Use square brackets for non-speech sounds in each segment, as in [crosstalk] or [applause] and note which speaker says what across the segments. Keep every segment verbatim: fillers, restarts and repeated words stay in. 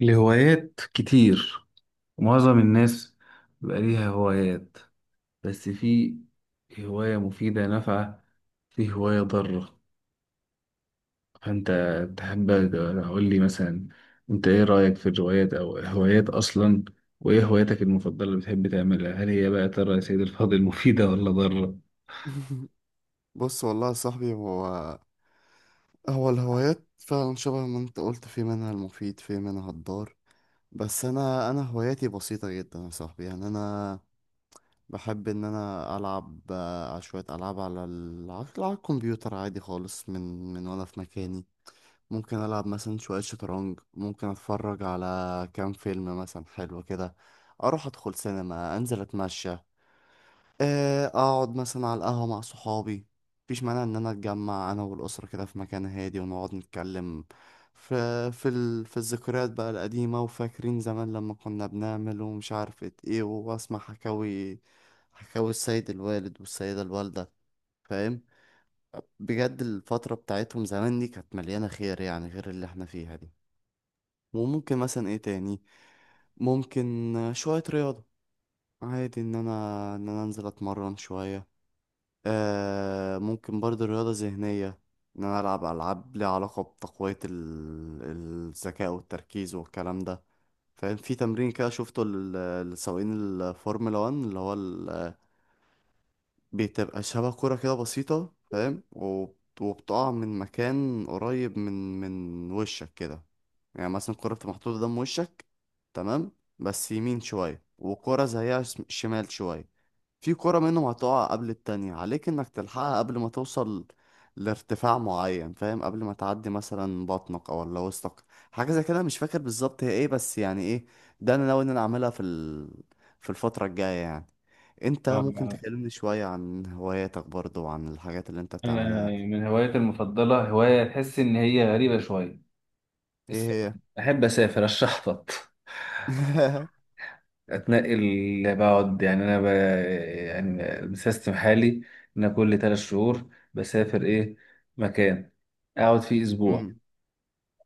Speaker 1: لهوايات كتير، معظم الناس بيبقى ليها هوايات، بس في هواية مفيدة نافعة، في هواية ضارة. فأنت تحب، أقول لي مثلا، أنت إيه رأيك في الروايات أو هوايات أصلا؟ وإيه هواياتك المفضلة اللي بتحب تعملها، هل هي بقى ترى يا سيد الفاضل مفيدة ولا ضارة؟
Speaker 2: [laughs] بص والله يا صاحبي هو هو الهوايات فعلا شبه ما انت قلت، في منها المفيد في منها الضار. بس انا انا هواياتي بسيطة جدا يا صاحبي، يعني انا بحب ان انا العب آه، على شوية العاب على ال- على الكمبيوتر عادي خالص، من من وانا في مكاني. ممكن العب مثلا شوية شطرنج، ممكن اتفرج على كام فيلم مثلا حلو كده، اروح ادخل سينما، انزل اتمشى، آه، اقعد مثلا على القهوة مع صحابي. مفيش مانع ان انا اتجمع انا والاسرة كده في مكان هادي ونقعد نتكلم في في ال... في الذكريات بقى القديمة، وفاكرين زمان لما كنا بنعمل ومش عارفة ايه، واسمع حكاوي حكاوي السيد الوالد والسيدة الوالدة، فاهم؟ بجد الفترة بتاعتهم زمان دي كانت مليانة خير، يعني غير اللي احنا فيها دي. وممكن مثلا ايه تاني، ممكن آه، شوية رياضة، عادي ان انا ان انا انزل اتمرن شوية. آه ممكن برضه رياضة ذهنية، إن أنا ألعب ألعاب ليها علاقة بتقوية ال- الذكاء والتركيز والكلام ده، فاهم؟ في تمرين كده شفته لل- لسواقين الفورمولا واحد، اللي هو ال- بتبقى شبه كرة كده بسيطة، فاهم؟ وب- وبتقع من مكان قريب من من وشك كده، يعني مثلا الكرة بتبقى محطوطة قدام وشك، تمام؟ بس يمين شوية، وكرة زيها شم- شمال شوية. في كرة منهم هتقع قبل التانية، عليك انك تلحقها قبل ما توصل لارتفاع معين، فاهم؟ قبل ما تعدي مثلا بطنك او ولا وسطك، حاجة زي كده. مش فاكر بالظبط هي ايه، بس يعني ايه، ده انا ناوي ان انا اعملها في ال... في الفترة الجاية يعني. انت ممكن
Speaker 1: آه،
Speaker 2: تكلمني شوية عن هواياتك برضو، وعن الحاجات اللي انت
Speaker 1: أنا
Speaker 2: بتعملها؟
Speaker 1: من هوايتي المفضلة هواية تحس إن هي غريبة شوية، السفر.
Speaker 2: ايه
Speaker 1: أحب أسافر أشحطط
Speaker 2: هي؟ [laughs]
Speaker 1: اتنقل، بقعد يعني انا ب... يعني بسيستم حالي، ان أنا كل ثلاث شهور بسافر ايه مكان اقعد فيه اسبوع.
Speaker 2: مم.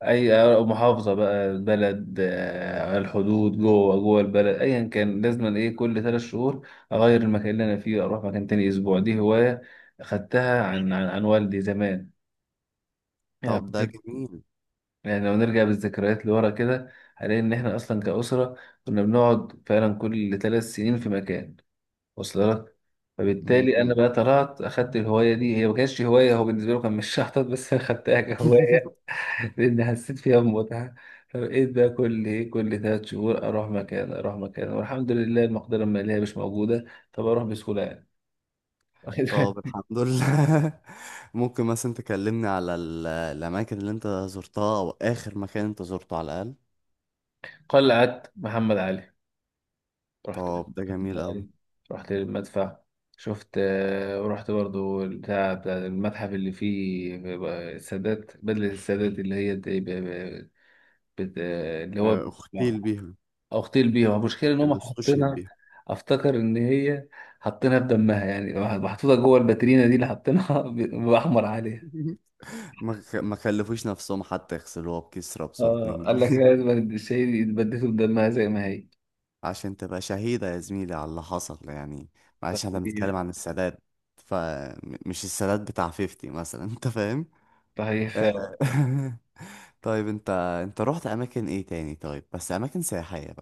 Speaker 1: اي محافظه بقى بلد آه، على الحدود جوه جوه البلد ايا كان، لازم ايه كل ثلاث شهور اغير المكان اللي انا فيه، اروح مكان تاني اسبوع. دي هوايه اخدتها عن عن, عن والدي زمان. يعني
Speaker 2: طب ده
Speaker 1: فاكر-
Speaker 2: جميل.
Speaker 1: يعني لو نرجع بالذكريات لورا كده، هنلاقي ان احنا اصلا كاسره، كنا بنقعد فعلا كل ثلاث سنين في مكان، وصل لك. فبالتالي انا
Speaker 2: مم.
Speaker 1: بقى طلعت اخدت الهوايه دي، هي ما كانتش هوايه، هو بالنسبه له كان مش شحطط بس انا خدتها كهوايه
Speaker 2: [laughs]
Speaker 1: [laughs] لان حسيت فيها بمتعه. فبقيت بقى كل ايه كل ثلاث شهور اروح مكان اروح مكان، والحمد لله المقدره الماليه مش موجوده، طب اروح بسهوله يعني. [laughs] واخد
Speaker 2: طب
Speaker 1: بالك؟
Speaker 2: الحمد لله. [laughs] ممكن مثلا تكلمني على ال- الأماكن اللي أنت زرتها، أو آخر مكان أنت زرته على الأقل؟
Speaker 1: قلعه محمد علي رحت،
Speaker 2: طب ده
Speaker 1: محمد
Speaker 2: جميل أوي.
Speaker 1: علي رحت للمدفع، شفت آه، ورحت برضو بتاع بتاع المتحف اللي فيه السادات، بدلة السادات اللي هي بت... اللي
Speaker 2: آه،
Speaker 1: هو
Speaker 2: اغتيل بيها.
Speaker 1: اغتيل بيها. المشكله ان هم
Speaker 2: اللي استشهد
Speaker 1: حاطينها،
Speaker 2: بيها.
Speaker 1: افتكر ان هي حاطينها بدمها، يعني محطوطه جوه الباترينا دي اللي حاطينها [laughs] ب- باحمر عليها.
Speaker 2: [laughs] ما خ- ما كلفوش نفسهم حتى يغسلوها بكسرة بصوت
Speaker 1: اه
Speaker 2: 2
Speaker 1: قال لك لا،
Speaker 2: جنيه
Speaker 1: لازم
Speaker 2: [laughs]
Speaker 1: الشهيد يتبدلوا بدمها زي ما هي.
Speaker 2: عشان تبقى شهيدة يا زميلي على اللي حصل يعني. معلش احنا
Speaker 1: صحيح.
Speaker 2: بنتكلم عن السادات، فمش السادات بتاع خمسين مثلا، انت فاهم.
Speaker 1: صحيح
Speaker 2: آه.
Speaker 1: فعلا.
Speaker 2: [laughs] طيب انت، انت رحت اماكن ايه تاني؟ طيب بس اماكن سياحية.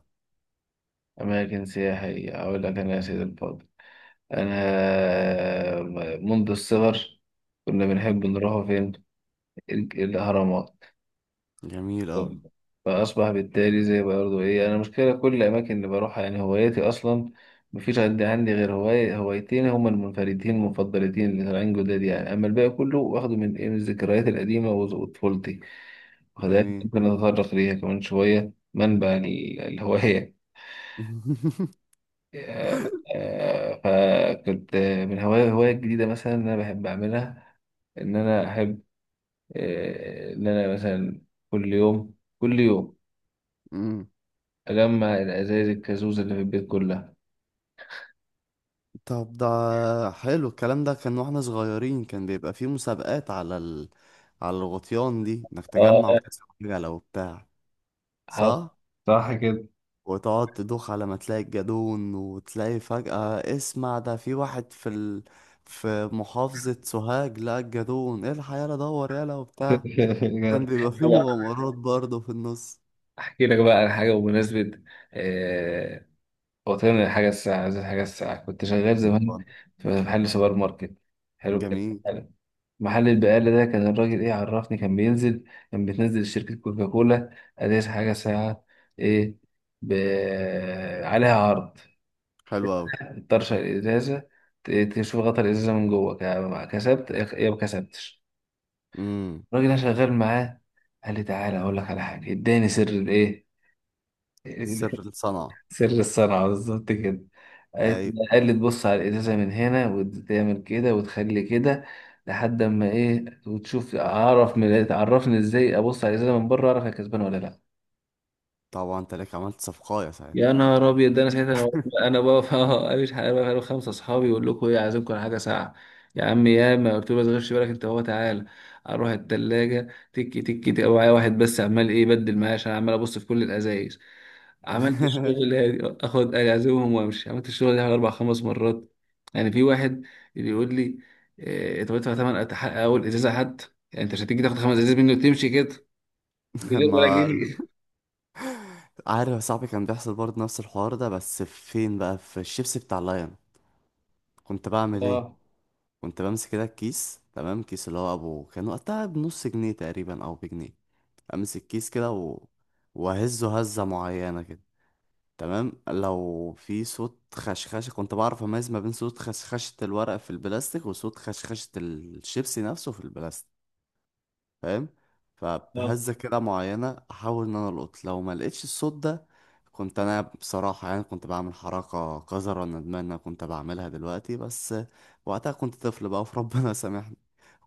Speaker 1: أماكن سياحية أقول لك أنا يا سيدي الفاضل، أنا منذ الصغر كنا بنحب
Speaker 2: مم.
Speaker 1: نروح فين؟ ال- الأهرامات.
Speaker 2: جميل أوي.
Speaker 1: فأصبح بالتالي زي برضه إيه، أنا المشكلة كل الأماكن اللي بروحها، يعني هواياتي أصلا مفيش عندي، عندي غير هواية هوايتين، هما المنفردين المفضلتين اللي طالعين جداد يعني. أما الباقي كله واخده من إيه من الذكريات القديمة وز- وطفولتي، وخلاها
Speaker 2: جميل.
Speaker 1: ممكن أتطرق ليها كمان شوية منبع ال- الهواية.
Speaker 2: [laughs]
Speaker 1: آه، آه، فكنت، من هواية هواية جديدة مثلا أنا بحب أعملها، إن أنا أحب آه، إن أنا مثلا كل يوم كل يوم
Speaker 2: مم.
Speaker 1: أجمع الأزايز الكازوزة اللي في البيت كلها.
Speaker 2: طب ده حلو الكلام. ده كان واحنا صغيرين كان بيبقى فيه مسابقات على ال... على الغطيان دي، انك تجمع
Speaker 1: اه
Speaker 2: وتكسب عجلة وبتاع،
Speaker 1: حصل.
Speaker 2: صح؟
Speaker 1: صح كده.
Speaker 2: وتقعد تدوخ على ما تلاقي الجدون، وتلاقي فجأة، اسمع، ده في واحد في ال... في محافظة سوهاج لقى الجدون، الحق يلا دور يلا وبتاع.
Speaker 1: [laughs]
Speaker 2: كان
Speaker 1: كده.
Speaker 2: بيبقى فيه مغامرات برضه في النص.
Speaker 1: أحكي لك بقى على حاجة بمناسبة، آه، وطن الحاجة الساعة زي الحاجة الساعة كنت شغال زمان
Speaker 2: اتفضل.
Speaker 1: في محل سوبر ماركت. حلو الكلام
Speaker 2: جميل.
Speaker 1: حلو. محل البقالة ده كان الراجل إيه عرفني كان بينزل، كان بتنزل شركة كوكاكولا أزايز حاجة ساعة إيه ب... عليها عرض.
Speaker 2: حلو
Speaker 1: تطرشق الإزازة، ت- تشوف غطا الإزازة من جوه، ك- كسبت يا ما كسبتش.
Speaker 2: أوي.
Speaker 1: الراجل ده شغال معاه، قال لي تعالى اقول لك على حاجه، اداني سر الايه
Speaker 2: سر
Speaker 1: [laughs]
Speaker 2: الصنعة.
Speaker 1: سر الصنعه بالظبط كده. قالت-
Speaker 2: اي.
Speaker 1: قال لي تبص على الازازه من هنا وتعمل كده وتخلي كده، لحد اما ايه وتشوف، اعرف من، تعرفني ازاي ابص على الازازه من بره اعرف هي كسبانه ولا لا.
Speaker 2: طبعا انت لك عملت صفقايه
Speaker 1: يا
Speaker 2: ساعتها.
Speaker 1: نهار ابيض، ده انا ساعتها انا انا بقف [laughs] اه مش حق- انا بقف انا وخمسه اصحابي، يقول لكم ايه عايزينكم على حاجه ساعه. يا عم، يا ما قلت له ما تغيرش بالك انت، هو تعالى اروح الثلاجه تك تك تك، معايا واحد بس عمال ايه بدل معايا عشان عمال ابص في كل الازايز. عملت الشغل
Speaker 2: [laughs]
Speaker 1: هادي، اخد اعزمهم وامشي، عملت الشغل ده حوالي اربع خمس مرات. يعني في واحد اللي يقول لي إيه، طب ادفع ثمن اول ازازه حد، يعني انت مش هتيجي تاخد خمس ازايز منه وتمشي كده من غير ولا
Speaker 2: ما
Speaker 1: جنيه.
Speaker 2: عارف يا صاحبي، كان بيحصل برضه نفس الحوار ده، بس فين بقى؟ في الشيبسي بتاع لاين. كنت بعمل ايه؟
Speaker 1: اه.
Speaker 2: كنت بمسك كده الكيس، تمام؟ كيس اللي هو ابو كان وقتها بنص جنيه تقريبا او بجنيه، امسك كيس كده و... واهزه هزه معينه كده، تمام؟ لو في صوت خشخشه كنت بعرف اميز ما بين صوت خشخشه الورق في البلاستيك، وصوت خشخشه الشيبسي نفسه في البلاستيك، فاهم؟
Speaker 1: اه.
Speaker 2: فبهزة كده معينة أحاول إن أنا ألقط. لو ما لقيتش الصوت ده، كنت أنا بصراحة يعني كنت بعمل حركة قذرة، ندمان إن أنا كنت بعملها دلوقتي، بس وقتها كنت طفل بقى، فربنا [laughs] سامحني.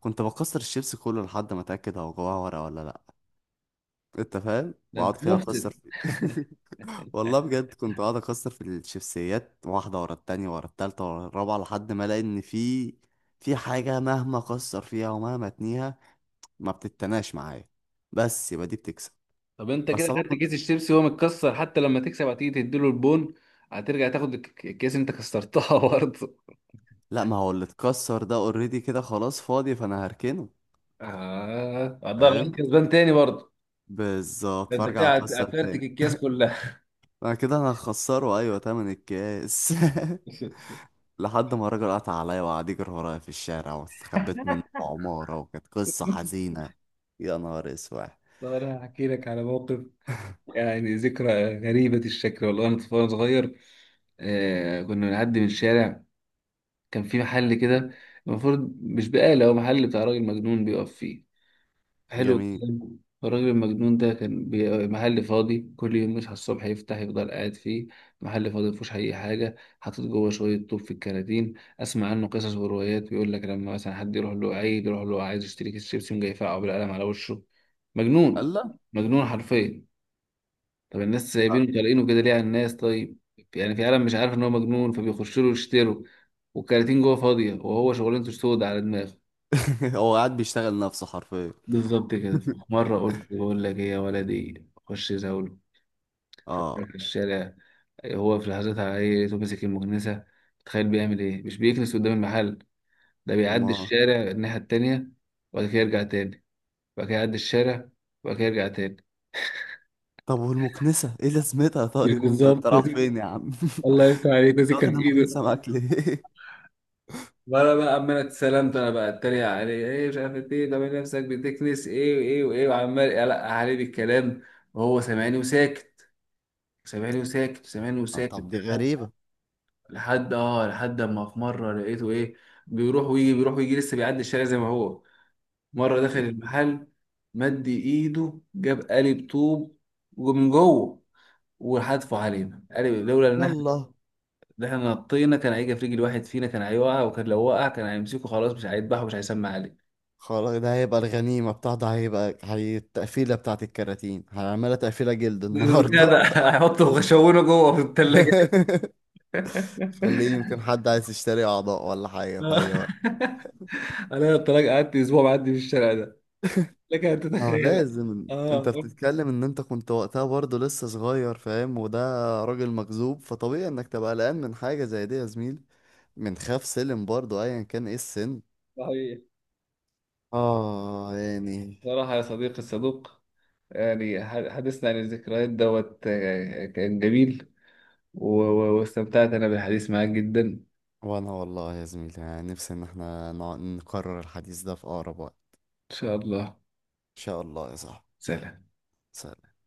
Speaker 2: كنت بكسر الشيبس كله لحد ما أتأكد هو جواه ورقة ولا لأ. أنت فاهم؟
Speaker 1: ده
Speaker 2: بقعد
Speaker 1: انت
Speaker 2: كده
Speaker 1: مفسد.
Speaker 2: أكسر فيه. [laughs] والله بجد كنت قاعد اكسر في الشيبسيات، واحده ورا التانية ورا التالتة ورا الرابعه، لحد ما الاقي ان في في حاجه مهما اكسر فيها ومهما اتنيها ما بتتناش معايا، بس يبقى دي بتكسب.
Speaker 1: طب انت كده
Speaker 2: بس
Speaker 1: خدت
Speaker 2: طبعا
Speaker 1: كيس الشيبسي وهو متكسر، حتى لما تكسب هتيجي تديله البون، هترجع تاخد الك- الكيس اللي انت كسرتها [laughs] برضه.
Speaker 2: لا، ما هو اللي اتكسر ده اوريدي كده خلاص فاضي، فانا هركنه.
Speaker 1: اه هتضل عليك
Speaker 2: فاهم؟
Speaker 1: كسبان تاني برضه.
Speaker 2: بالظبط.
Speaker 1: ده انت
Speaker 2: فارجع
Speaker 1: كده هت-
Speaker 2: اكسر تاني.
Speaker 1: هتفرتك الكيس كلها.
Speaker 2: انا كده انا هخسره ايوه تمن الكاس.
Speaker 1: [laughs]
Speaker 2: [laughs] لحد ما الراجل قطع عليا وقعد يجري ورايا في الشارع، واستخبيت منه في عمارة، وكانت قصة حزينة. يا نهار اسود.
Speaker 1: طب انا هحكي لك على موقف، يعني ذكرى غريبة الشكل، والله انا طفل وأنا صغير آه كنا بنعدي من الشارع، كان في محل كده المفروض مش بقالة، هو محل بتاع راجل مجنون بيقف فيه. حلو
Speaker 2: جميل.
Speaker 1: الكلام. الراجل المجنون ده كان بي- محل فاضي، كل يوم يصحى الصبح يفتح يفضل قاعد فيه، محل فاضي مفيهوش أي حاجة، حاطط جوه شوية طوب في الكراتين. أسمع عنه قصص وروايات، بيقول لك لما مثلا حد يروح له عيد يروح له عايز يشتري كيس شيبسي يقوم جاي يفقعه بالقلم على وشه. مجنون.
Speaker 2: الله.
Speaker 1: مجنون حرفيا. طب الناس سايبينه طالقينه كده ليه على الناس؟ طيب يعني في عالم مش عارف إن هو مجنون فبيخش له يشتروا، والكراتين جوه فاضية، وهو شغلانته سود على دماغه.
Speaker 2: [laughs] هو قاعد بيشتغل نفسه حرفيا.
Speaker 1: بالظبط كده. في مرة قلت [laughs] بقول لك ايه يا ولدي، خش زول فجأة
Speaker 2: اه.
Speaker 1: في الشارع، هو في لحظات عليه لقيته ماسك المكنسة، تخيل بيعمل ايه، مش بيكنس قدام المحل، ده بيعدي
Speaker 2: ما
Speaker 1: الشارع الناحية التانية، وبعد كده يرجع تاني، وبعد كده يعدي الشارع، وبعد كده يرجع تاني.
Speaker 2: طب والمكنسة ايه لازمتها؟
Speaker 1: مش
Speaker 2: طيب انت،
Speaker 1: بالظبط،
Speaker 2: انت رايح فين يا عم؟ [laughs]
Speaker 1: الله يفتح عليك، وزي
Speaker 2: واخد
Speaker 1: كان في ايده.
Speaker 2: المكنسة معاك ليه؟
Speaker 1: وانا بقى عمال اتسلمت، انا بقى اتريق عليه ايه مش عارف ايه، طب نفسك بتكنس ايه وايه وايه، وعمال يقلق عليه بالكلام، وهو سامعني وساكت، سامعني وساكت، سامعني
Speaker 2: [laughs]
Speaker 1: وساكت.
Speaker 2: طب دي غريبة.
Speaker 1: لحد اه لحد اما في مره لقيته ايه، بيروح ويجي بيروح ويجي، لسه بيعدي الشارع زي ما هو. مره دخل المحل، مد ايده جاب قالب طوب ومن جوه وحدفه علينا قالب، لولا ان احنا،
Speaker 2: يلا
Speaker 1: إن احنا نطينا كان هيجي في رجل واحد فينا، كان هيوقع، وكان لو وقع كان هيمسكه خلاص، مش هيذبحه مش هيسمع عليه.
Speaker 2: خلاص، ده هيبقى الغنيمة بتاعته، هيبقى هي التقفيلة بتاعت الكراتين، هنعملها تقفيلة جلد
Speaker 1: [laughs] كده
Speaker 2: النهاردة.
Speaker 1: ده هيحطه وشونه جوه في
Speaker 2: [laughs]
Speaker 1: الثلاجه.
Speaker 2: خليه، يمكن حد عايز يشتري أعضاء ولا حاجة في
Speaker 1: آه.
Speaker 2: أي وقت.
Speaker 1: [laughs] انا الطلاق قعدت اسبوع معدي في الشارع ده، لك ان
Speaker 2: اه
Speaker 1: تتخيل.
Speaker 2: لازم، انت
Speaker 1: اه
Speaker 2: بتتكلم ان انت كنت وقتها برضه لسه صغير، فاهم؟ وده راجل مجذوب، فطبيعي انك تبقى قلقان من حاجة زي دي يا زميلي. من خاف سلم برضه ايا كان ايه السن.
Speaker 1: صحيح.
Speaker 2: اه يعني.
Speaker 1: صراحة يا صديقي الصدوق، يعني ح- حديثنا عن الذكريات دوت آه، كان جميل، و- و- واستمتعت أنا بالحديث معاك جدا، إن
Speaker 2: وانا والله يا زميلي يعني نفسي ان احنا نع- نكرر الحديث ده في اقرب وقت.
Speaker 1: شاء الله.
Speaker 2: ان شاء الله يا صاحبي.
Speaker 1: سلام.
Speaker 2: سلام.